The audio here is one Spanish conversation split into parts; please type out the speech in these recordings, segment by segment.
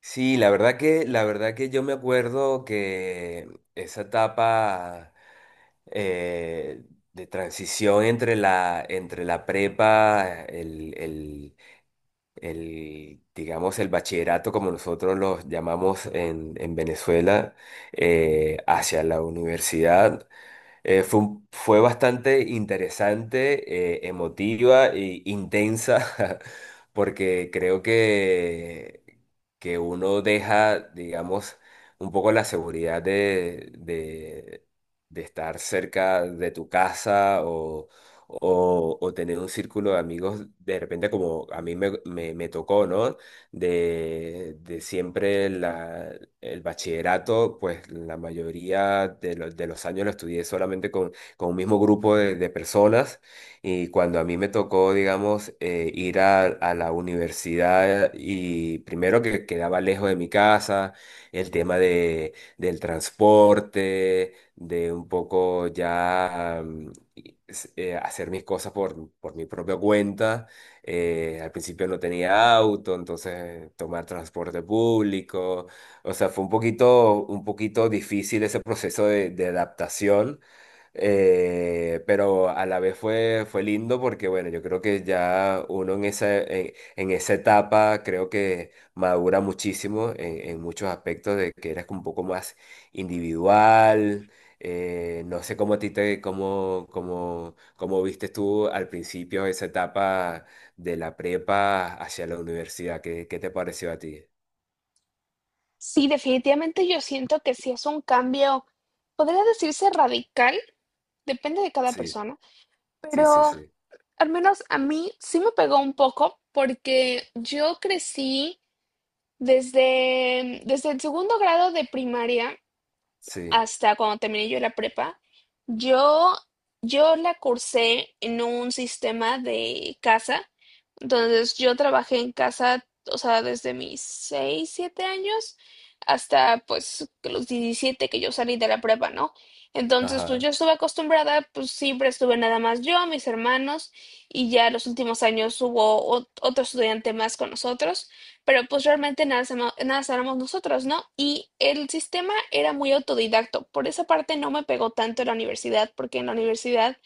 Sí, la verdad que yo me acuerdo que esa etapa eh, de transición entre la prepa, digamos, el bachillerato, como nosotros los llamamos en Venezuela, hacia la universidad. Fue, fue bastante interesante, emotiva e intensa, porque creo que uno deja, digamos, un poco la seguridad de estar cerca de tu casa o, o tener un círculo de amigos, de repente como a mí me tocó, ¿no? De siempre el bachillerato, pues la mayoría de, de los años lo estudié solamente con un mismo grupo de personas, y cuando a mí me tocó, digamos, ir a la universidad, y primero que quedaba lejos de mi casa, el tema de, del transporte, de un poco ya... hacer mis cosas por mi propia cuenta. Al principio no tenía auto, entonces tomar transporte público. O sea, fue un poquito difícil ese proceso de adaptación. Pero a la vez fue, fue lindo porque, bueno, yo creo que ya uno en esa etapa creo que madura muchísimo en muchos aspectos de que eres como un poco más individual. No sé cómo a ti te, cómo viste tú al principio esa etapa de la prepa hacia la universidad. ¿Qué, qué te pareció a ti? Sí, definitivamente yo siento que sí es un cambio, podría decirse radical, depende de cada Sí, persona, sí, sí, pero sí. al menos a mí sí me pegó un poco porque yo crecí desde el segundo grado de primaria Sí, hasta cuando terminé yo la prepa. Yo, yo la cursé en un sistema de casa, entonces yo trabajé en casa, o sea, desde mis 6 7 años hasta pues que los 17 que yo salí de la prepa, ¿no? Entonces, pues ajá, yo estuve acostumbrada, pues siempre estuve nada más yo, mis hermanos, y ya los últimos años hubo otro estudiante más con nosotros, pero pues realmente nada, nada sabemos nosotros, ¿no? Y el sistema era muy autodidacto. Por esa parte no me pegó tanto en la universidad, porque en la universidad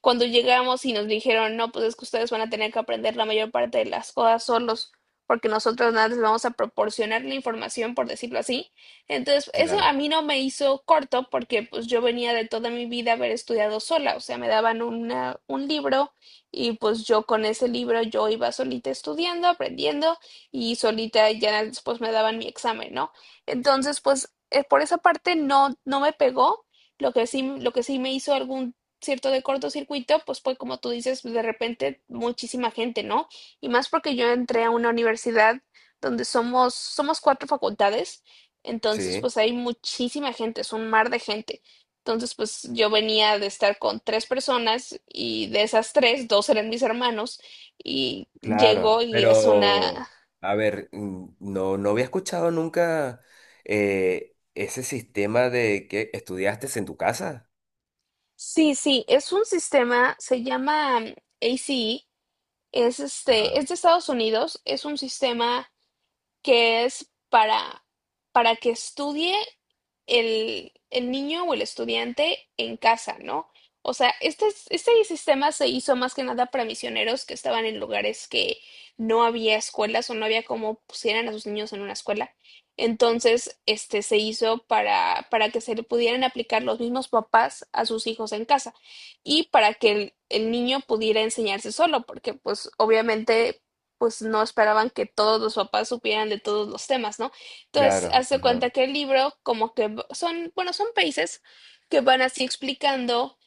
cuando llegamos y nos dijeron, no, pues es que ustedes van a tener que aprender la mayor parte de las cosas solos, porque nosotros nada les vamos a proporcionar la información, por decirlo así. Entonces, eso a claro. mí no me hizo corto porque pues yo venía de toda mi vida haber estudiado sola, o sea, me daban una, un libro, y pues yo con ese libro yo iba solita estudiando, aprendiendo, y solita ya después me daban mi examen, ¿no? Entonces, pues por esa parte no, no me pegó. Lo que sí me hizo algún cierto de cortocircuito, pues fue como tú dices, pues, de repente muchísima gente, ¿no? Y más porque yo entré a una universidad donde somos cuatro facultades, entonces Sí, pues hay muchísima gente, es un mar de gente. Entonces, pues yo venía de estar con tres personas, y de esas tres, dos eran mis hermanos y llegó claro. y es una, Pero, a ver, no, no había escuchado nunca ese sistema de que estudiaste en tu casa. sí, sí, es un sistema, se llama ACE, es este, Ajá, es de Estados Unidos, es un sistema que es para, que estudie el niño o el estudiante en casa, ¿no? O sea, este, este sistema se hizo más que nada para misioneros que estaban en lugares que no había escuelas o no había cómo pusieran a sus niños en una escuela. Entonces, este se hizo para, que se le pudieran aplicar los mismos papás a sus hijos en casa y para que el niño pudiera enseñarse solo, porque pues obviamente pues no esperaban que todos los papás supieran de todos los temas, ¿no? Entonces, claro. hace cuenta Ajá. que el libro, como que son, bueno, son países que van así explicando,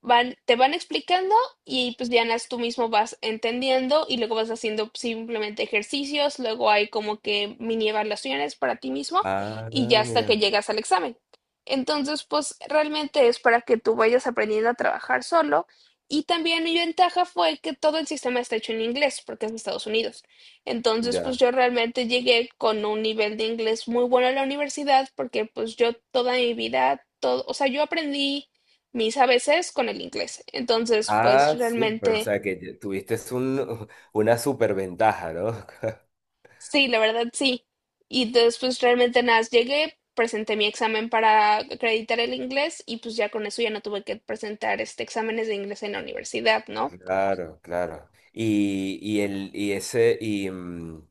van, te van explicando, y pues ya tú mismo vas entendiendo y luego vas haciendo simplemente ejercicios, luego hay como que mini evaluaciones para ti mismo Ah, y ya hasta que mira, llegas al examen. Entonces, pues realmente es para que tú vayas aprendiendo a trabajar solo. Y también mi ventaja fue que todo el sistema está hecho en inglés, porque es de Estados Unidos. Entonces, pues ya. yo realmente llegué con un nivel de inglés muy bueno a la universidad, porque pues yo toda mi vida, todo, o sea, yo aprendí mis a ABCs con el inglés. Entonces, pues Ah, súper, o realmente, sea que ya tuviste un, una superventaja, ¿no? sí, la verdad sí. Y entonces, pues realmente nada, más llegué, presenté mi examen para acreditar el inglés y pues ya con eso ya no tuve que presentar este exámenes de inglés en la universidad, ¿no? Claro, claro. Y el, y ese,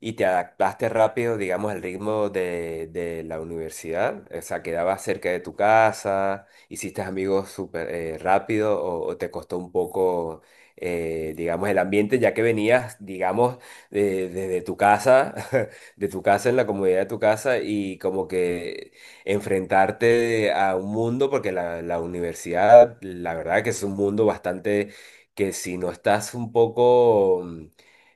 y te adaptaste rápido, digamos, al ritmo de la universidad. O sea, quedabas cerca de tu casa, hiciste amigos súper rápido, o te costó un poco, digamos, el ambiente, ya que venías, digamos, desde tu casa, de tu casa en la comodidad de tu casa, y como que enfrentarte a un mundo, porque la universidad, la verdad que es un mundo bastante que si no estás un poco mm,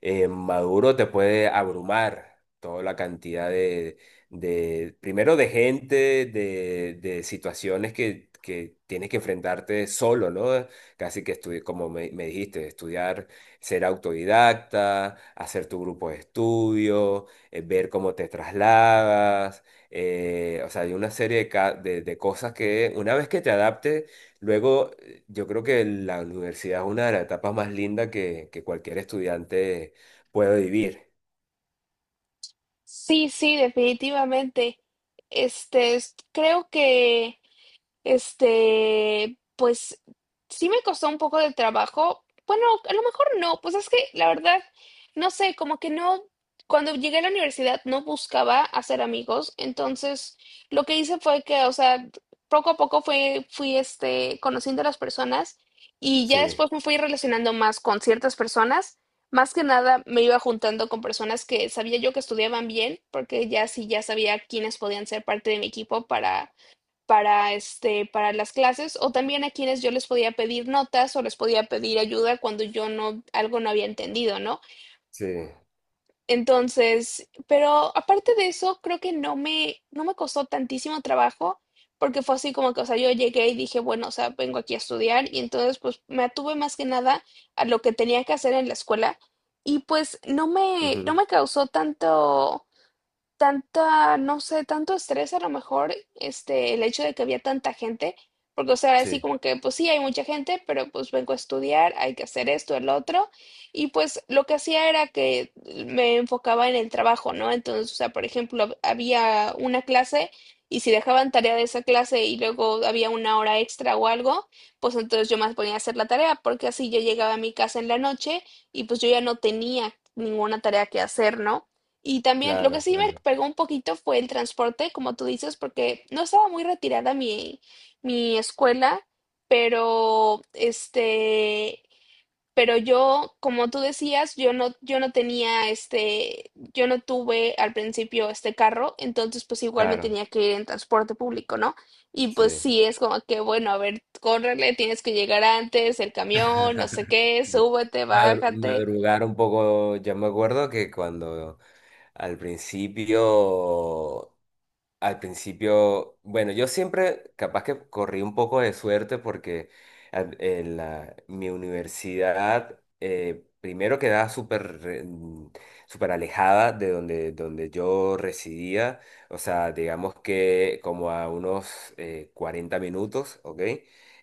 eh, maduro, te puede abrumar toda la cantidad de, primero de gente, de situaciones que tienes que enfrentarte solo, ¿no? Casi que como me dijiste, estudiar, ser autodidacta, hacer tu grupo de estudio, ver cómo te trasladas. O sea, hay una serie de, de cosas que una vez que te adaptes, luego yo creo que la universidad es una de las etapas más lindas que cualquier estudiante puede vivir. Sí, sí, definitivamente. Este, creo que este, pues sí me costó un poco de trabajo. Bueno, a lo mejor no, pues es que la verdad, no sé, como que no, cuando llegué a la universidad no buscaba hacer amigos, entonces lo que hice fue que, o sea, poco a poco fui, este, conociendo a las personas y ya Sí, después me fui relacionando más con ciertas personas. Más que nada me iba juntando con personas que sabía yo que estudiaban bien, porque ya sí, ya sabía quiénes podían ser parte de mi equipo para este, para las clases o también a quienes yo les podía pedir notas o les podía pedir ayuda cuando yo no, algo no había entendido, ¿no? sí, Entonces, pero aparte de eso, creo que no me costó tantísimo trabajo porque fue así como que, o sea, yo llegué y dije, bueno, o sea, vengo aquí a estudiar y entonces pues me atuve más que nada a lo que tenía que hacer en la escuela, y pues no me, no ujú, me causó tanto tanta, no sé, tanto estrés a lo mejor, este, el hecho de que había tanta gente, porque o sea, así sí, como que, pues sí, hay mucha gente, pero pues vengo a estudiar, hay que hacer esto, el otro, y pues lo que hacía era que me enfocaba en el trabajo, ¿no? Entonces, o sea, por ejemplo, había una clase y si dejaban tarea de esa clase y luego había una hora extra o algo, pues entonces yo más ponía a hacer la tarea, porque así yo llegaba a mi casa en la noche y pues yo ya no tenía ninguna tarea que hacer, ¿no? Y también lo que claro, sí me claro, pegó un poquito fue el transporte, como tú dices, porque no estaba muy retirada mi escuela, pero este, pero yo, como tú decías, yo no tenía este, yo no tuve al principio este carro, entonces pues igual me claro, tenía que ir en transporte público, ¿no? Y pues sí. sí, es como que, bueno, a ver, córrele, tienes que llegar antes, el camión, no sé qué, Sí. súbete, bájate. Madrugar un poco, ya me acuerdo que cuando al principio. Al principio, bueno, yo siempre capaz que corrí un poco de suerte porque mi universidad primero quedaba súper alejada de donde, donde yo residía, o sea, digamos que como a unos 40 minutos, ¿ok?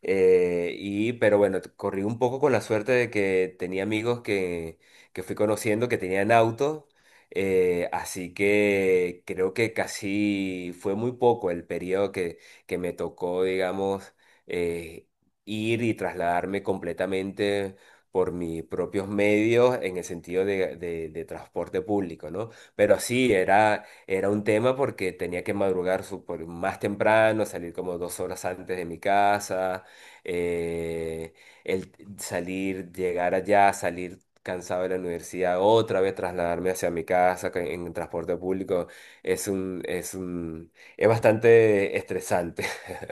Y, pero bueno, corrí un poco con la suerte de que tenía amigos que fui conociendo que tenían auto. Así que creo que casi fue muy poco el periodo que me tocó, digamos, eh, ir y trasladarme completamente por mis propios medios en el sentido de, de transporte público, ¿no? Pero sí, era, era un tema porque tenía que madrugar súper más temprano, salir como 2 horas antes de mi casa, eh, el salir, llegar allá, salir cansado de la universidad, otra vez trasladarme hacia mi casa, que en transporte público es un, es un, es bastante estresante.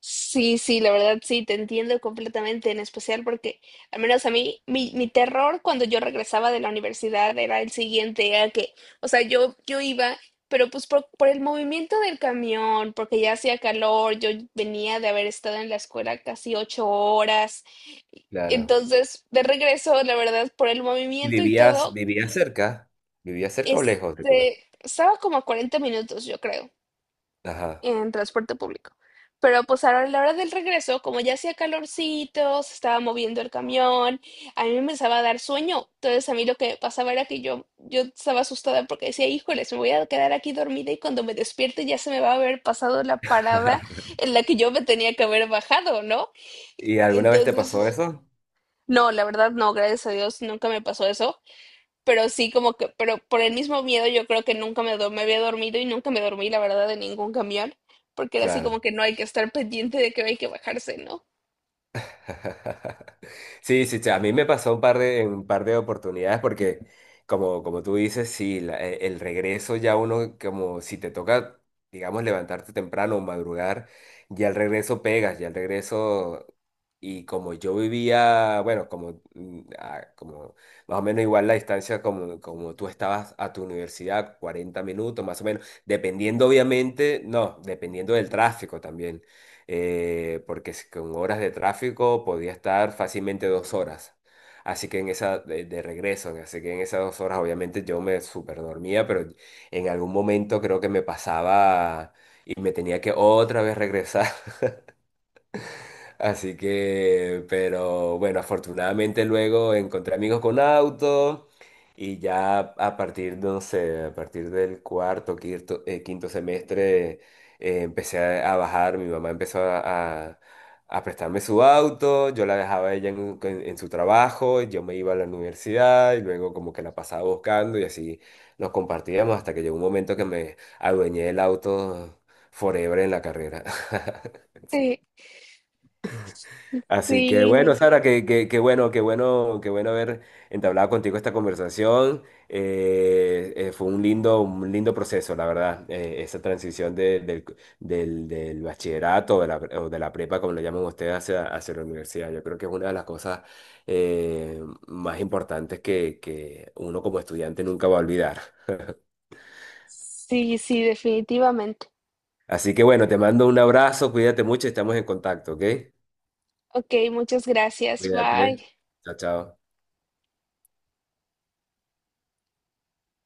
Sí, sí, la verdad sí, te entiendo completamente, en especial porque al menos a mí, mi terror cuando yo regresaba de la universidad era el siguiente, era que, o sea, yo iba, pero pues por el movimiento del camión, porque ya hacía calor, yo venía de haber estado en la escuela casi 8 horas, Claro. entonces de regreso, la verdad, por el ¿Y movimiento y vivías, todo, vivías cerca? ¿Vivías cerca o lejos de tu casa? este, estaba como a 40 minutos, yo creo Ajá. en transporte público. Pero pues ahora a la hora del regreso, como ya hacía calorcito, se estaba moviendo el camión, a mí me empezaba a dar sueño. Entonces a mí lo que pasaba era que yo estaba asustada porque decía, híjoles, me voy a quedar aquí dormida y cuando me despierte ya se me va a haber pasado la parada en la que yo me tenía que haber bajado, ¿no? ¿Y alguna vez te pasó Entonces, eso? no, la verdad no, gracias a Dios nunca me pasó eso, pero sí como que, pero por el mismo miedo yo creo que nunca me, me había dormido y nunca me dormí, la verdad, de ningún camión, porque era así como Claro. que no hay que estar pendiente de que hay que bajarse, ¿no? Sí, sí, sí, a mí me pasó un par de, en un par de oportunidades porque, como, como tú dices, sí, el regreso ya uno, como si te toca, digamos, levantarte temprano o madrugar, ya el regreso pegas, ya el regreso, y como yo vivía, bueno, como, como más o menos igual la distancia como, como tú estabas a tu universidad, 40 minutos más o menos, dependiendo obviamente, no, dependiendo del tráfico también porque con horas de tráfico podía estar fácilmente 2 horas. Así que en esa, de regreso, así que en esas 2 horas obviamente yo me super dormía, pero en algún momento creo que me pasaba y me tenía que otra vez regresar. Así que, pero bueno, afortunadamente luego encontré amigos con auto y ya a partir, no sé, a partir del cuarto, quinto, quinto semestre empecé a bajar, mi mamá empezó a prestarme su auto, yo la dejaba a ella en, en su trabajo, yo me iba a la universidad y luego como que la pasaba buscando y así nos compartíamos hasta que llegó un momento que me adueñé el auto forever en la carrera. Sí, Así que bueno, sí, Sara, qué, qué, qué bueno, qué bueno, qué bueno haber entablado contigo esta conversación. Fue un lindo proceso, la verdad, esa transición del, del bachillerato de la, o de la prepa, como lo llaman ustedes, hacia, hacia la universidad. Yo creo que es una de las cosas eh, más importantes que uno como estudiante nunca va a olvidar. sí, sí, definitivamente. Así que bueno, te mando un abrazo, cuídate mucho, y estamos en contacto, ¿ok? Ok, muchas gracias, bye. Cuídate. Chao, chao.